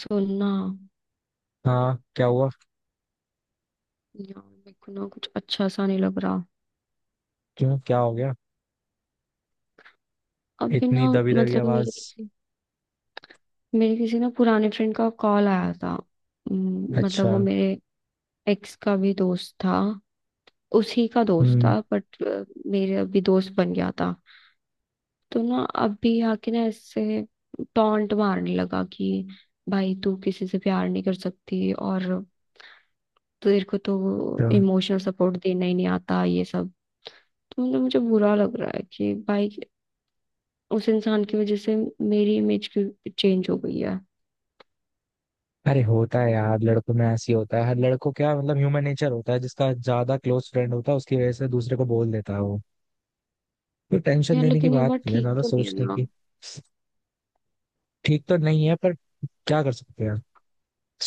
सुनना। हाँ, क्या हुआ? यार मेरे को ना कुछ अच्छा सा नहीं लग रहा। क्यों, क्या हो गया? अभी इतनी ना, दबी दबी मतलब मेरे आवाज। किसी मेरे किसी ना पुराने फ्रेंड का कॉल आया था। मतलब अच्छा। वो मेरे एक्स का भी दोस्त था। उसी का दोस्त हम्म। था बट मेरे अभी दोस्त बन गया था। तो ना अभी आके ना इससे टॉन्ट मारने लगा कि भाई तू किसी से प्यार नहीं कर सकती, और तेरे को तो तो- इमोशनल सपोर्ट देना ही नहीं आता, ये सब। तो मतलब मुझे बुरा लग रहा है कि भाई उस इंसान की वजह से मेरी इमेज की चेंज हो गई है। अरे होता है यार, लड़कों में ऐसी होता है, हर लड़कों क्या मतलब ह्यूमन नेचर होता है। जिसका ज्यादा क्लोज फ्रेंड होता है उसकी वजह से दूसरे को बोल देता है वो। तो टेंशन यार लेने की लेकिन ये बात बात नहीं है, ठीक ज्यादा तो नहीं है सोचने ना। की। ठीक तो नहीं है, पर क्या कर सकते हैं।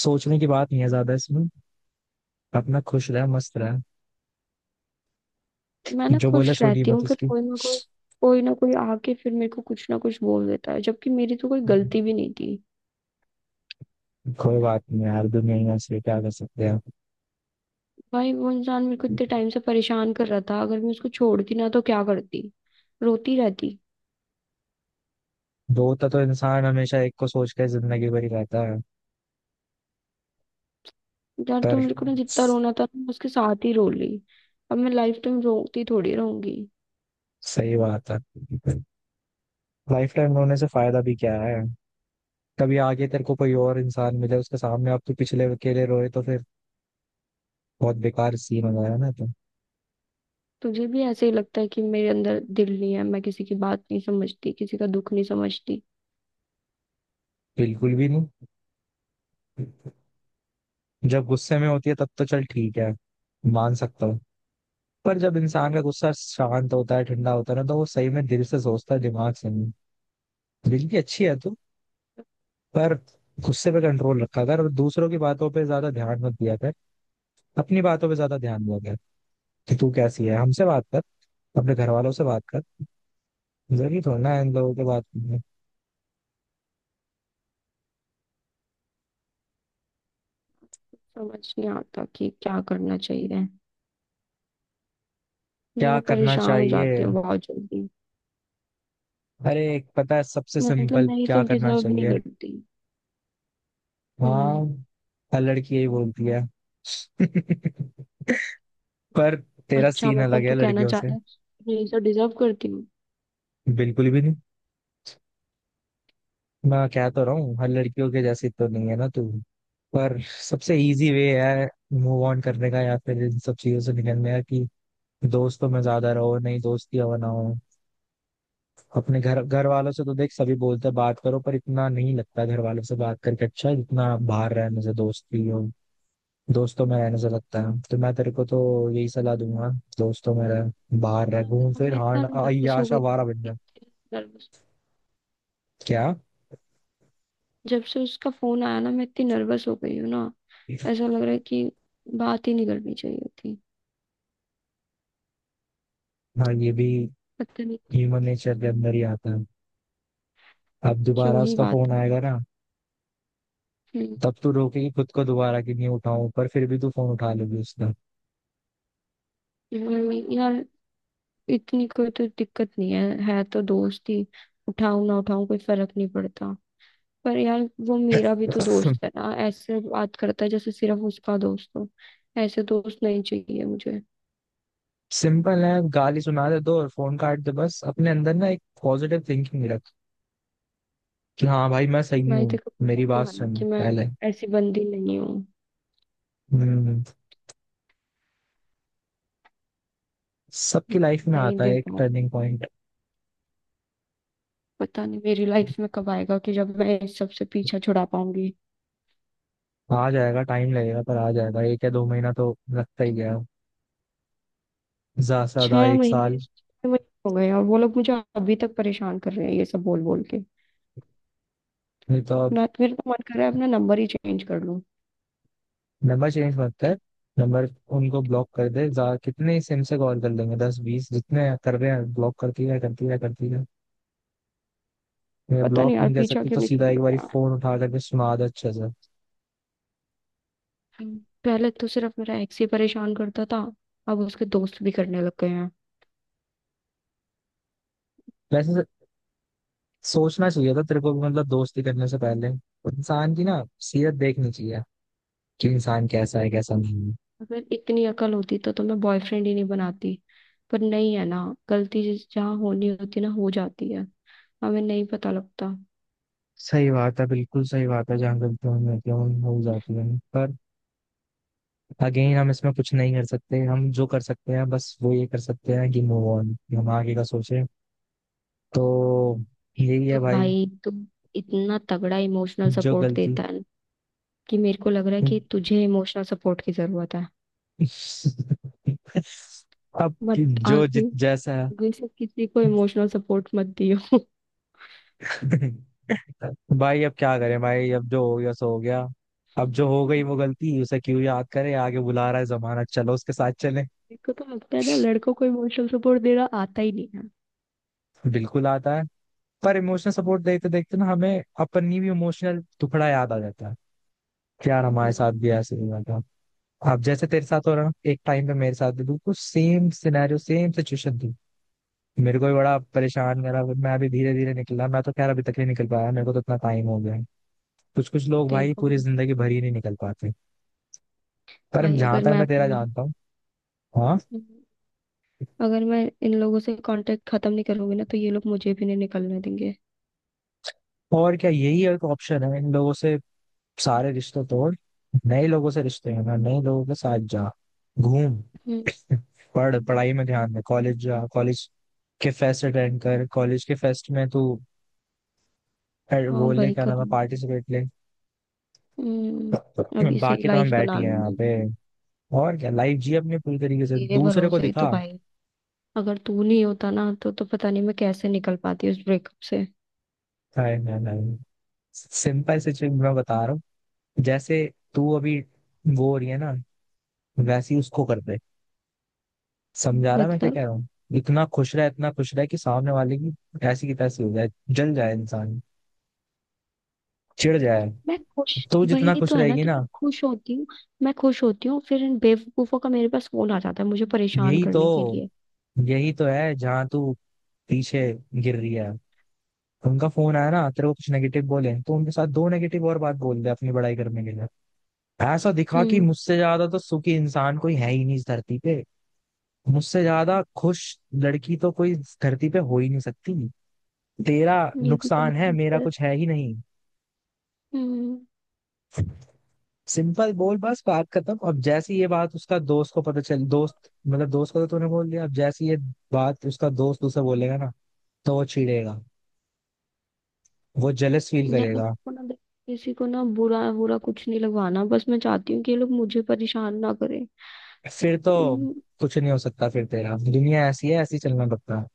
सोचने की बात नहीं है ज्यादा इसमें। अपना खुश रहे, मस्त रहे। मैं ना जो बोले खुश सुनी रहती मत हूँ, फिर उसकी। कोई ना कोई आके फिर मेरे को कुछ ना कुछ बोल देता है, जबकि मेरी तो कोई गलती भी नहीं थी। कोई बात नहीं यार, दुनिया ही ऐसी है, क्या कर सकते हैं। भाई वो इंसान मेरे को इतने टाइम से परेशान कर रहा था, अगर मैं उसको छोड़ती ना तो क्या करती, रोती रहती? दो तो इंसान हमेशा एक को सोच के जिंदगी भरी रहता है। यार तो पर मेरे को ना जितना स- रोना था मैं उसके साथ ही रो ली। अब मैं लाइफ टाइम रोती थोड़ी रहूंगी। सही बात है। लाइफ टाइम रोने से फायदा भी क्या है। कभी आगे तेरे को कोई और इंसान मिले, उसके सामने आप तो पिछले के लिए रोए, तो फिर बहुत बेकार सीन हो गया ना तो। तुझे भी ऐसे ही लगता है कि मेरे अंदर दिल नहीं है, मैं किसी की बात नहीं समझती, किसी का दुख नहीं समझती? बिल्कुल भी नहीं। जब गुस्से में होती है तब तो चल ठीक है, मान सकता हूँ। पर जब इंसान का गुस्सा शांत होता है, ठंडा होता है ना, तो वो सही में दिल से सोचता है, दिमाग से नहीं। दिल की अच्छी है तू। पर गुस्से पे कंट्रोल रखा कर, और दूसरों की बातों पे ज्यादा ध्यान मत दिया कर। अपनी बातों पे ज्यादा ध्यान दिया कर कि तू कैसी है। हमसे बात कर, अपने घर वालों से बात कर। जरूरी थोड़ा ना है इन लोगों के बात करने। समझ नहीं आता कि क्या करना चाहिए। क्या मैं करना परेशान हो जाती चाहिए? हूँ बहुत जल्दी। अरे एक पता है सबसे मतलब सिंपल मैं ये क्या सब करना डिजर्व नहीं चाहिए। करती। हाँ। हम्म। हर लड़की यही बोलती है। पर तेरा अच्छा, सीन अलग मतलब है तू कहना लड़कियों चाह से। रहा है मैं ये सब डिजर्व करती हूँ? बिल्कुल भी नहीं। मैं कह तो रहा हूँ हर लड़कियों के जैसी तो नहीं है ना तू। पर सबसे इजी वे है मूव ऑन करने का, या फिर इन सब चीजों से निकलने का कि दोस्तों में ज्यादा रहो। नहीं दोस्ती हो ना हो, अपने घर घर वालों से तो देख सभी बोलते हैं बात करो, पर इतना नहीं लगता घर वालों से बात करके अच्छा है, जितना बाहर रहने से, दोस्ती हो, दोस्तों में रहने से लगता है। तो मैं तेरे को तो यही सलाह दूंगा, दोस्तों में रह, बाहर रह, मैं घूम फिर मैं इतना हार, नर्वस हो गई। आशावारा बन जा। इतनी नर्वस। क्या? जब से उसका फोन आया ना मैं इतनी नर्वस हो गई हूँ ना। ऐसा लग रहा है कि बात ही नहीं करनी चाहिए थी। हाँ ये भी पता नहीं, ह्यूमन नेचर के अंदर ही आता है। अब दोबारा क्यों ही उसका बात फोन की। आएगा ना, तब तू रोकेगी खुद को दोबारा कि नहीं उठाऊं, पर फिर भी तू फोन उठा लेगी उसका। यार, इतनी कोई तो दिक्कत नहीं है। है तो दोस्त ही। उठाऊं ना उठाऊं, कोई फर्क नहीं पड़ता। पर यार, वो मेरा भी तो दोस्त है ना, ऐसे बात करता है जैसे सिर्फ उसका दोस्त हो। ऐसे दोस्त नहीं चाहिए मुझे। सिंपल है, गाली सुना दे दो और फोन काट दे। बस अपने अंदर ना एक पॉजिटिव थिंकिंग रख कि हाँ भाई मैं सही भाई हूँ, देखो, मेरी पता तो बात है ना सुन कि मैं पहले। ऐसी बंदी नहीं हूँ। हम्म। मैं सबकी लाइफ में नहीं आता दे है एक पाऊँ। Turning point. पता नहीं मेरी लाइफ में कब आएगा कि जब मैं इस सब से पीछा छुड़ा पाऊंगी। आ जाएगा, टाइम लगेगा पर आ जाएगा। एक या दो महीना तो लगता ही गया, ज्यादा से ज्यादा छह एक महीने, साल। छह महीने हो गए और वो लोग मुझे अभी तक परेशान कर रहे हैं, ये सब बोल बोल के। नहीं तो ना, मेरा तो मन कर रहा है अपना नंबर ही चेंज कर लूं। नंबर चेंज मत कर। नंबर, उनको ब्लॉक कर दे जा। कितने सिम से कॉल कर लेंगे, दस बीस? जितने कर रहे हैं ब्लॉक करती रहे, करती रहे, करती रहे। मैं पता ब्लॉक नहीं यार नहीं कर पीछा सकती क्यों तो नहीं सीधा एक छूट बार रहा। फोन उठा करके सुना दे अच्छे से। हम्म, पहले तो सिर्फ मेरा एक्स ही परेशान करता था, अब उसके दोस्त भी करने लग गए हैं। वैसे सोचना चाहिए था तेरे को भी, मतलब दोस्ती करने से पहले इंसान की ना सीरत देखनी चाहिए, कि इंसान कैसा है कैसा नहीं है। अगर इतनी अकल होती तो मैं बॉयफ्रेंड ही नहीं बनाती। पर नहीं है ना। गलती जहाँ होनी होती ना, हो जाती है। हमें नहीं पता लगता। सही बात है, बिल्कुल सही बात है, जहाँ गलतियाँ हो जाती हैं वो हो जाती है। पर अगेन हम इसमें कुछ नहीं कर सकते। हम जो कर सकते हैं बस वो ये कर सकते हैं कि मूव ऑन, हम आगे का सोचें। तो एक यही तो है भाई। भाई तू इतना तगड़ा इमोशनल जो सपोर्ट गलती, देता है कि मेरे को लग रहा है कि तुझे इमोशनल सपोर्ट की जरूरत है। अब मत जो आगे जित जैसा है आगे से किसी को इमोशनल सपोर्ट मत दियो। भाई, अब क्या करें। भाई अब जो हो गया सो हो गया। अब जो हो गई वो गलती उसे क्यों याद करें। आगे बुला रहा है जमाना, चलो उसके साथ चले। मेरे को तो लगता है ना लड़कों को इमोशनल सपोर्ट देना आता ही नहीं है। बिल्कुल आता है। पर इमोशनल सपोर्ट देखते देखते ना हमें अपनी भी इमोशनल टुकड़ा याद आ जाता है कि यार हमारे हम्म, साथ भी ऐसे हुआ था। अब जैसे तेरे साथ हो रहा ना, एक टाइम पे मेरे साथ भी बिल्कुल सेम सिनेरियो, सेम सिचुएशन थी। मेरे को भी बड़ा परेशान करा, फिर मैं अभी धीरे धीरे निकला। मैं तो खैर अभी तक नहीं निकल पाया, मेरे को तो इतना टाइम हो गया है। कुछ कुछ लोग तेरे भाई को पूरी भी? जिंदगी भर ही नहीं निकल पाते। पर भाई जहां अगर तक मैं मैं तेरा अपना, जानता हूँ। हाँ। अगर मैं इन लोगों से कांटेक्ट खत्म नहीं करूंगी ना तो ये लोग मुझे भी नहीं निकलने देंगे। और क्या, यही एक ऑप्शन है। इन लोगों से सारे रिश्ते तोड़, नए लोगों से रिश्ते हैं, नए लोगों के साथ जा, घूम, हम्म। पढ़, पढ़ाई में ध्यान दे, कॉलेज जा, कॉलेज के फेस्ट अटेंड कर, कॉलेज के फेस्ट में तू हाँ वो ले, भाई, क्या नाम है, करूंगी। पार्टिसिपेट ले। अभी से बाकी तो हम लाइफ बैठ ही बना हैं यहाँ लूंगी। पे। और क्या, लाइफ जी अपने पूरी तरीके से, तेरे दूसरे को भरोसे ही तो दिखा। भाई। अगर तू नहीं होता ना तो पता नहीं मैं कैसे निकल पाती उस ब्रेकअप से। नहीं नहीं नहीं। सिंपल सिचुएशन मैं बता रहा हूँ। जैसे तू अभी वो हो रही है ना, वैसी उसको कर दे। समझा रहा मैं क्या मतलब कह रहा हूँ। इतना खुश रहा, इतना खुश रहा कि सामने वाले की ऐसी की तैसी हो जाए, जल जाए इंसान, चिढ़ जाए। मैं खुश? तू जितना वही खुश तो है ना रहेगी कि मैं ना, खुश होती हूँ। मैं खुश होती हूँ फिर इन बेवकूफों का मेरे पास फोन आ जाता है मुझे परेशान यही तो, करने के लिए। यही तो है जहाँ तू पीछे गिर रही है। उनका फोन आया ना, तेरे को कुछ नेगेटिव बोले, तो उनके साथ दो नेगेटिव और बात बोल दे अपनी बड़ाई करने के लिए। ऐसा दिखा कि हम्म। मुझसे ज्यादा तो सुखी इंसान कोई है ही नहीं इस धरती पे। मुझसे ज्यादा खुश लड़की तो कोई इस धरती पे हो ही नहीं सकती। तेरा ये भी बात नुकसान है, ठीक मेरा है। कुछ है ही नहीं। हम्म। सिंपल बोल, बस बात खत्म। अब जैसी ये बात उसका दोस्त को पता चल, दोस्त मतलब दोस्त को तो तूने बोल दिया, अब जैसी ये बात उसका दोस्त उसे बोलेगा ना, तो वो चिढ़ेगा, वो जेलस फील या करेगा। उनको ना देख- किसी को ना बुरा बुरा कुछ नहीं लगवाना, बस मैं चाहती हूँ कि ये लोग मुझे परेशान ना करें। फिर तो हम्म, कुछ नहीं हो सकता फिर। तेरा दुनिया ऐसी है, ऐसी चलना पड़ता है।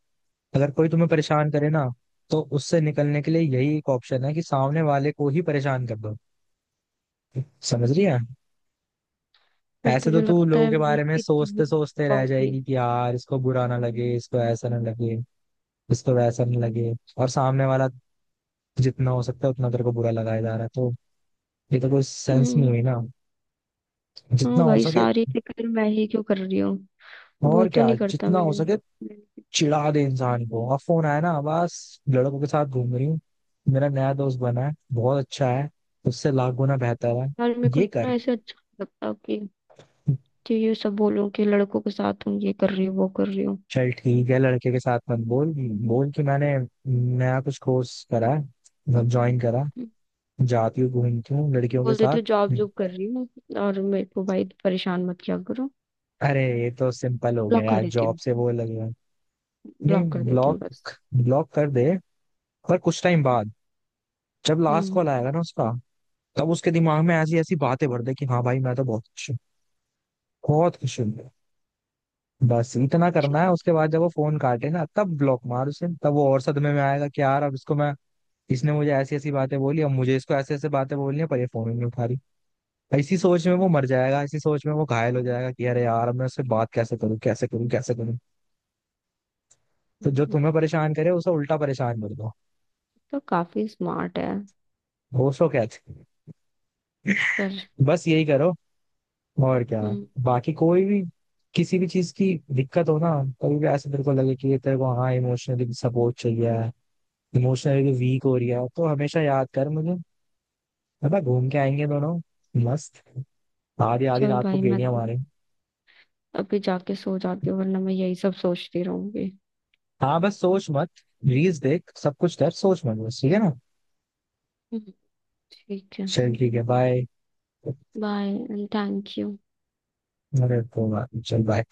अगर कोई तुम्हें परेशान करे ना, तो उससे निकलने के लिए यही एक ऑप्शन है कि सामने वाले को ही परेशान कर दो। समझ रही है? पर ऐसे तो तुझे तू लगता लोगों है के मैं बारे में इतनी सोचते बोल सोचते रह पाऊंगी? जाएगी कि यार इसको बुरा ना लगे, इसको ऐसा ना लगे, इसको वैसा ना लगे, और सामने वाला जितना हो सकता है उतना तेरे को बुरा लगाया जा रहा है। तो ये तो कोई सेंस नहीं हम्म, हुई ना। हाँ जितना हो भाई, सके, सारी फिक्र मैं ही क्यों कर रही हूँ। वो और तो क्या, नहीं करता जितना हो मेरे सके मेरे- चिढ़ा दे इंसान को। अब फोन आया ना, बस लड़कों के साथ घूम रही हूँ, मेरा नया दोस्त बना है, बहुत अच्छा है, उससे लाख गुना बेहतर है। यार, मेरे को ये ना कर, ऐसे अच्छा नहीं लगता कि ये सब बोलूं कि लड़कों के साथ हूँ, ये कर रही हूँ, वो कर रही हूँ। चल ठीक है लड़के के साथ मत बोल। बोल कि मैंने नया कुछ कोर्स करा है, मतलब ज्वाइन करा, जाती हूँ, घूमती हूँ लड़कियों के बोल देती साथ। हूँ जॉब, जॉब कर रही हूँ और मेरे को भाई परेशान मत किया करो। अरे ये तो सिंपल हो गया ब्लॉक कर यार, देती जॉब हूँ। से वो लग रहा है। नहीं ब्लॉक कर देती हूँ ब्लॉक, बस। ब्लॉक कर दे, पर कुछ टाइम बाद। जब लास्ट हम्म, कॉल आएगा ना उसका, तब उसके दिमाग में ऐसी ऐसी बातें भर दे कि हाँ भाई मैं तो बहुत बहुत खुश होंगे। बस इतना करना ठीक। है, उसके बाद जब वो फोन काटे ना तब ब्लॉक मार उसे। तब वो और सदमे में आएगा कि यार अब इसको मैं, इसने मुझे ऐसी ऐसी बातें बोली, अब मुझे इसको ऐसे ऐसे बातें बोलनी है, पर ये फोन ही नहीं उठा रही। इसी सोच में वो मर जाएगा, इसी सोच में वो घायल हो जाएगा कि अरे यार अब मैं उससे बात कैसे करूं, कैसे करूं, कैसे करूं। तो जो हम्म, तुम्हें परेशान करे उसे उल्टा परेशान कर दो। तो काफी स्मार्ट है, वो सो कहते, पर। बस यही करो, और क्या। हम्म, बाकी कोई भी किसी भी चीज की दिक्कत हो ना, कभी भी ऐसे तेरे को लगे कि ये तेरे को हाँ इमोशनली सपोर्ट चाहिए, इमोशनली वीक हो रही है, तो हमेशा याद कर मुझे। पता, घूम के आएंगे दोनों, मस्त, आधी आधी चल रात को भाई, मैं गेड़िया मारे। अभी जाके सो जाती हूँ वरना मैं यही सब सोचती रहूंगी। हाँ बस सोच मत, रील्स देख, सब कुछ कर, सोच मत बस, ठीक है ना। हम्म, ठीक है। चल ठीक है, bye. Bye and thank you. चल बाय।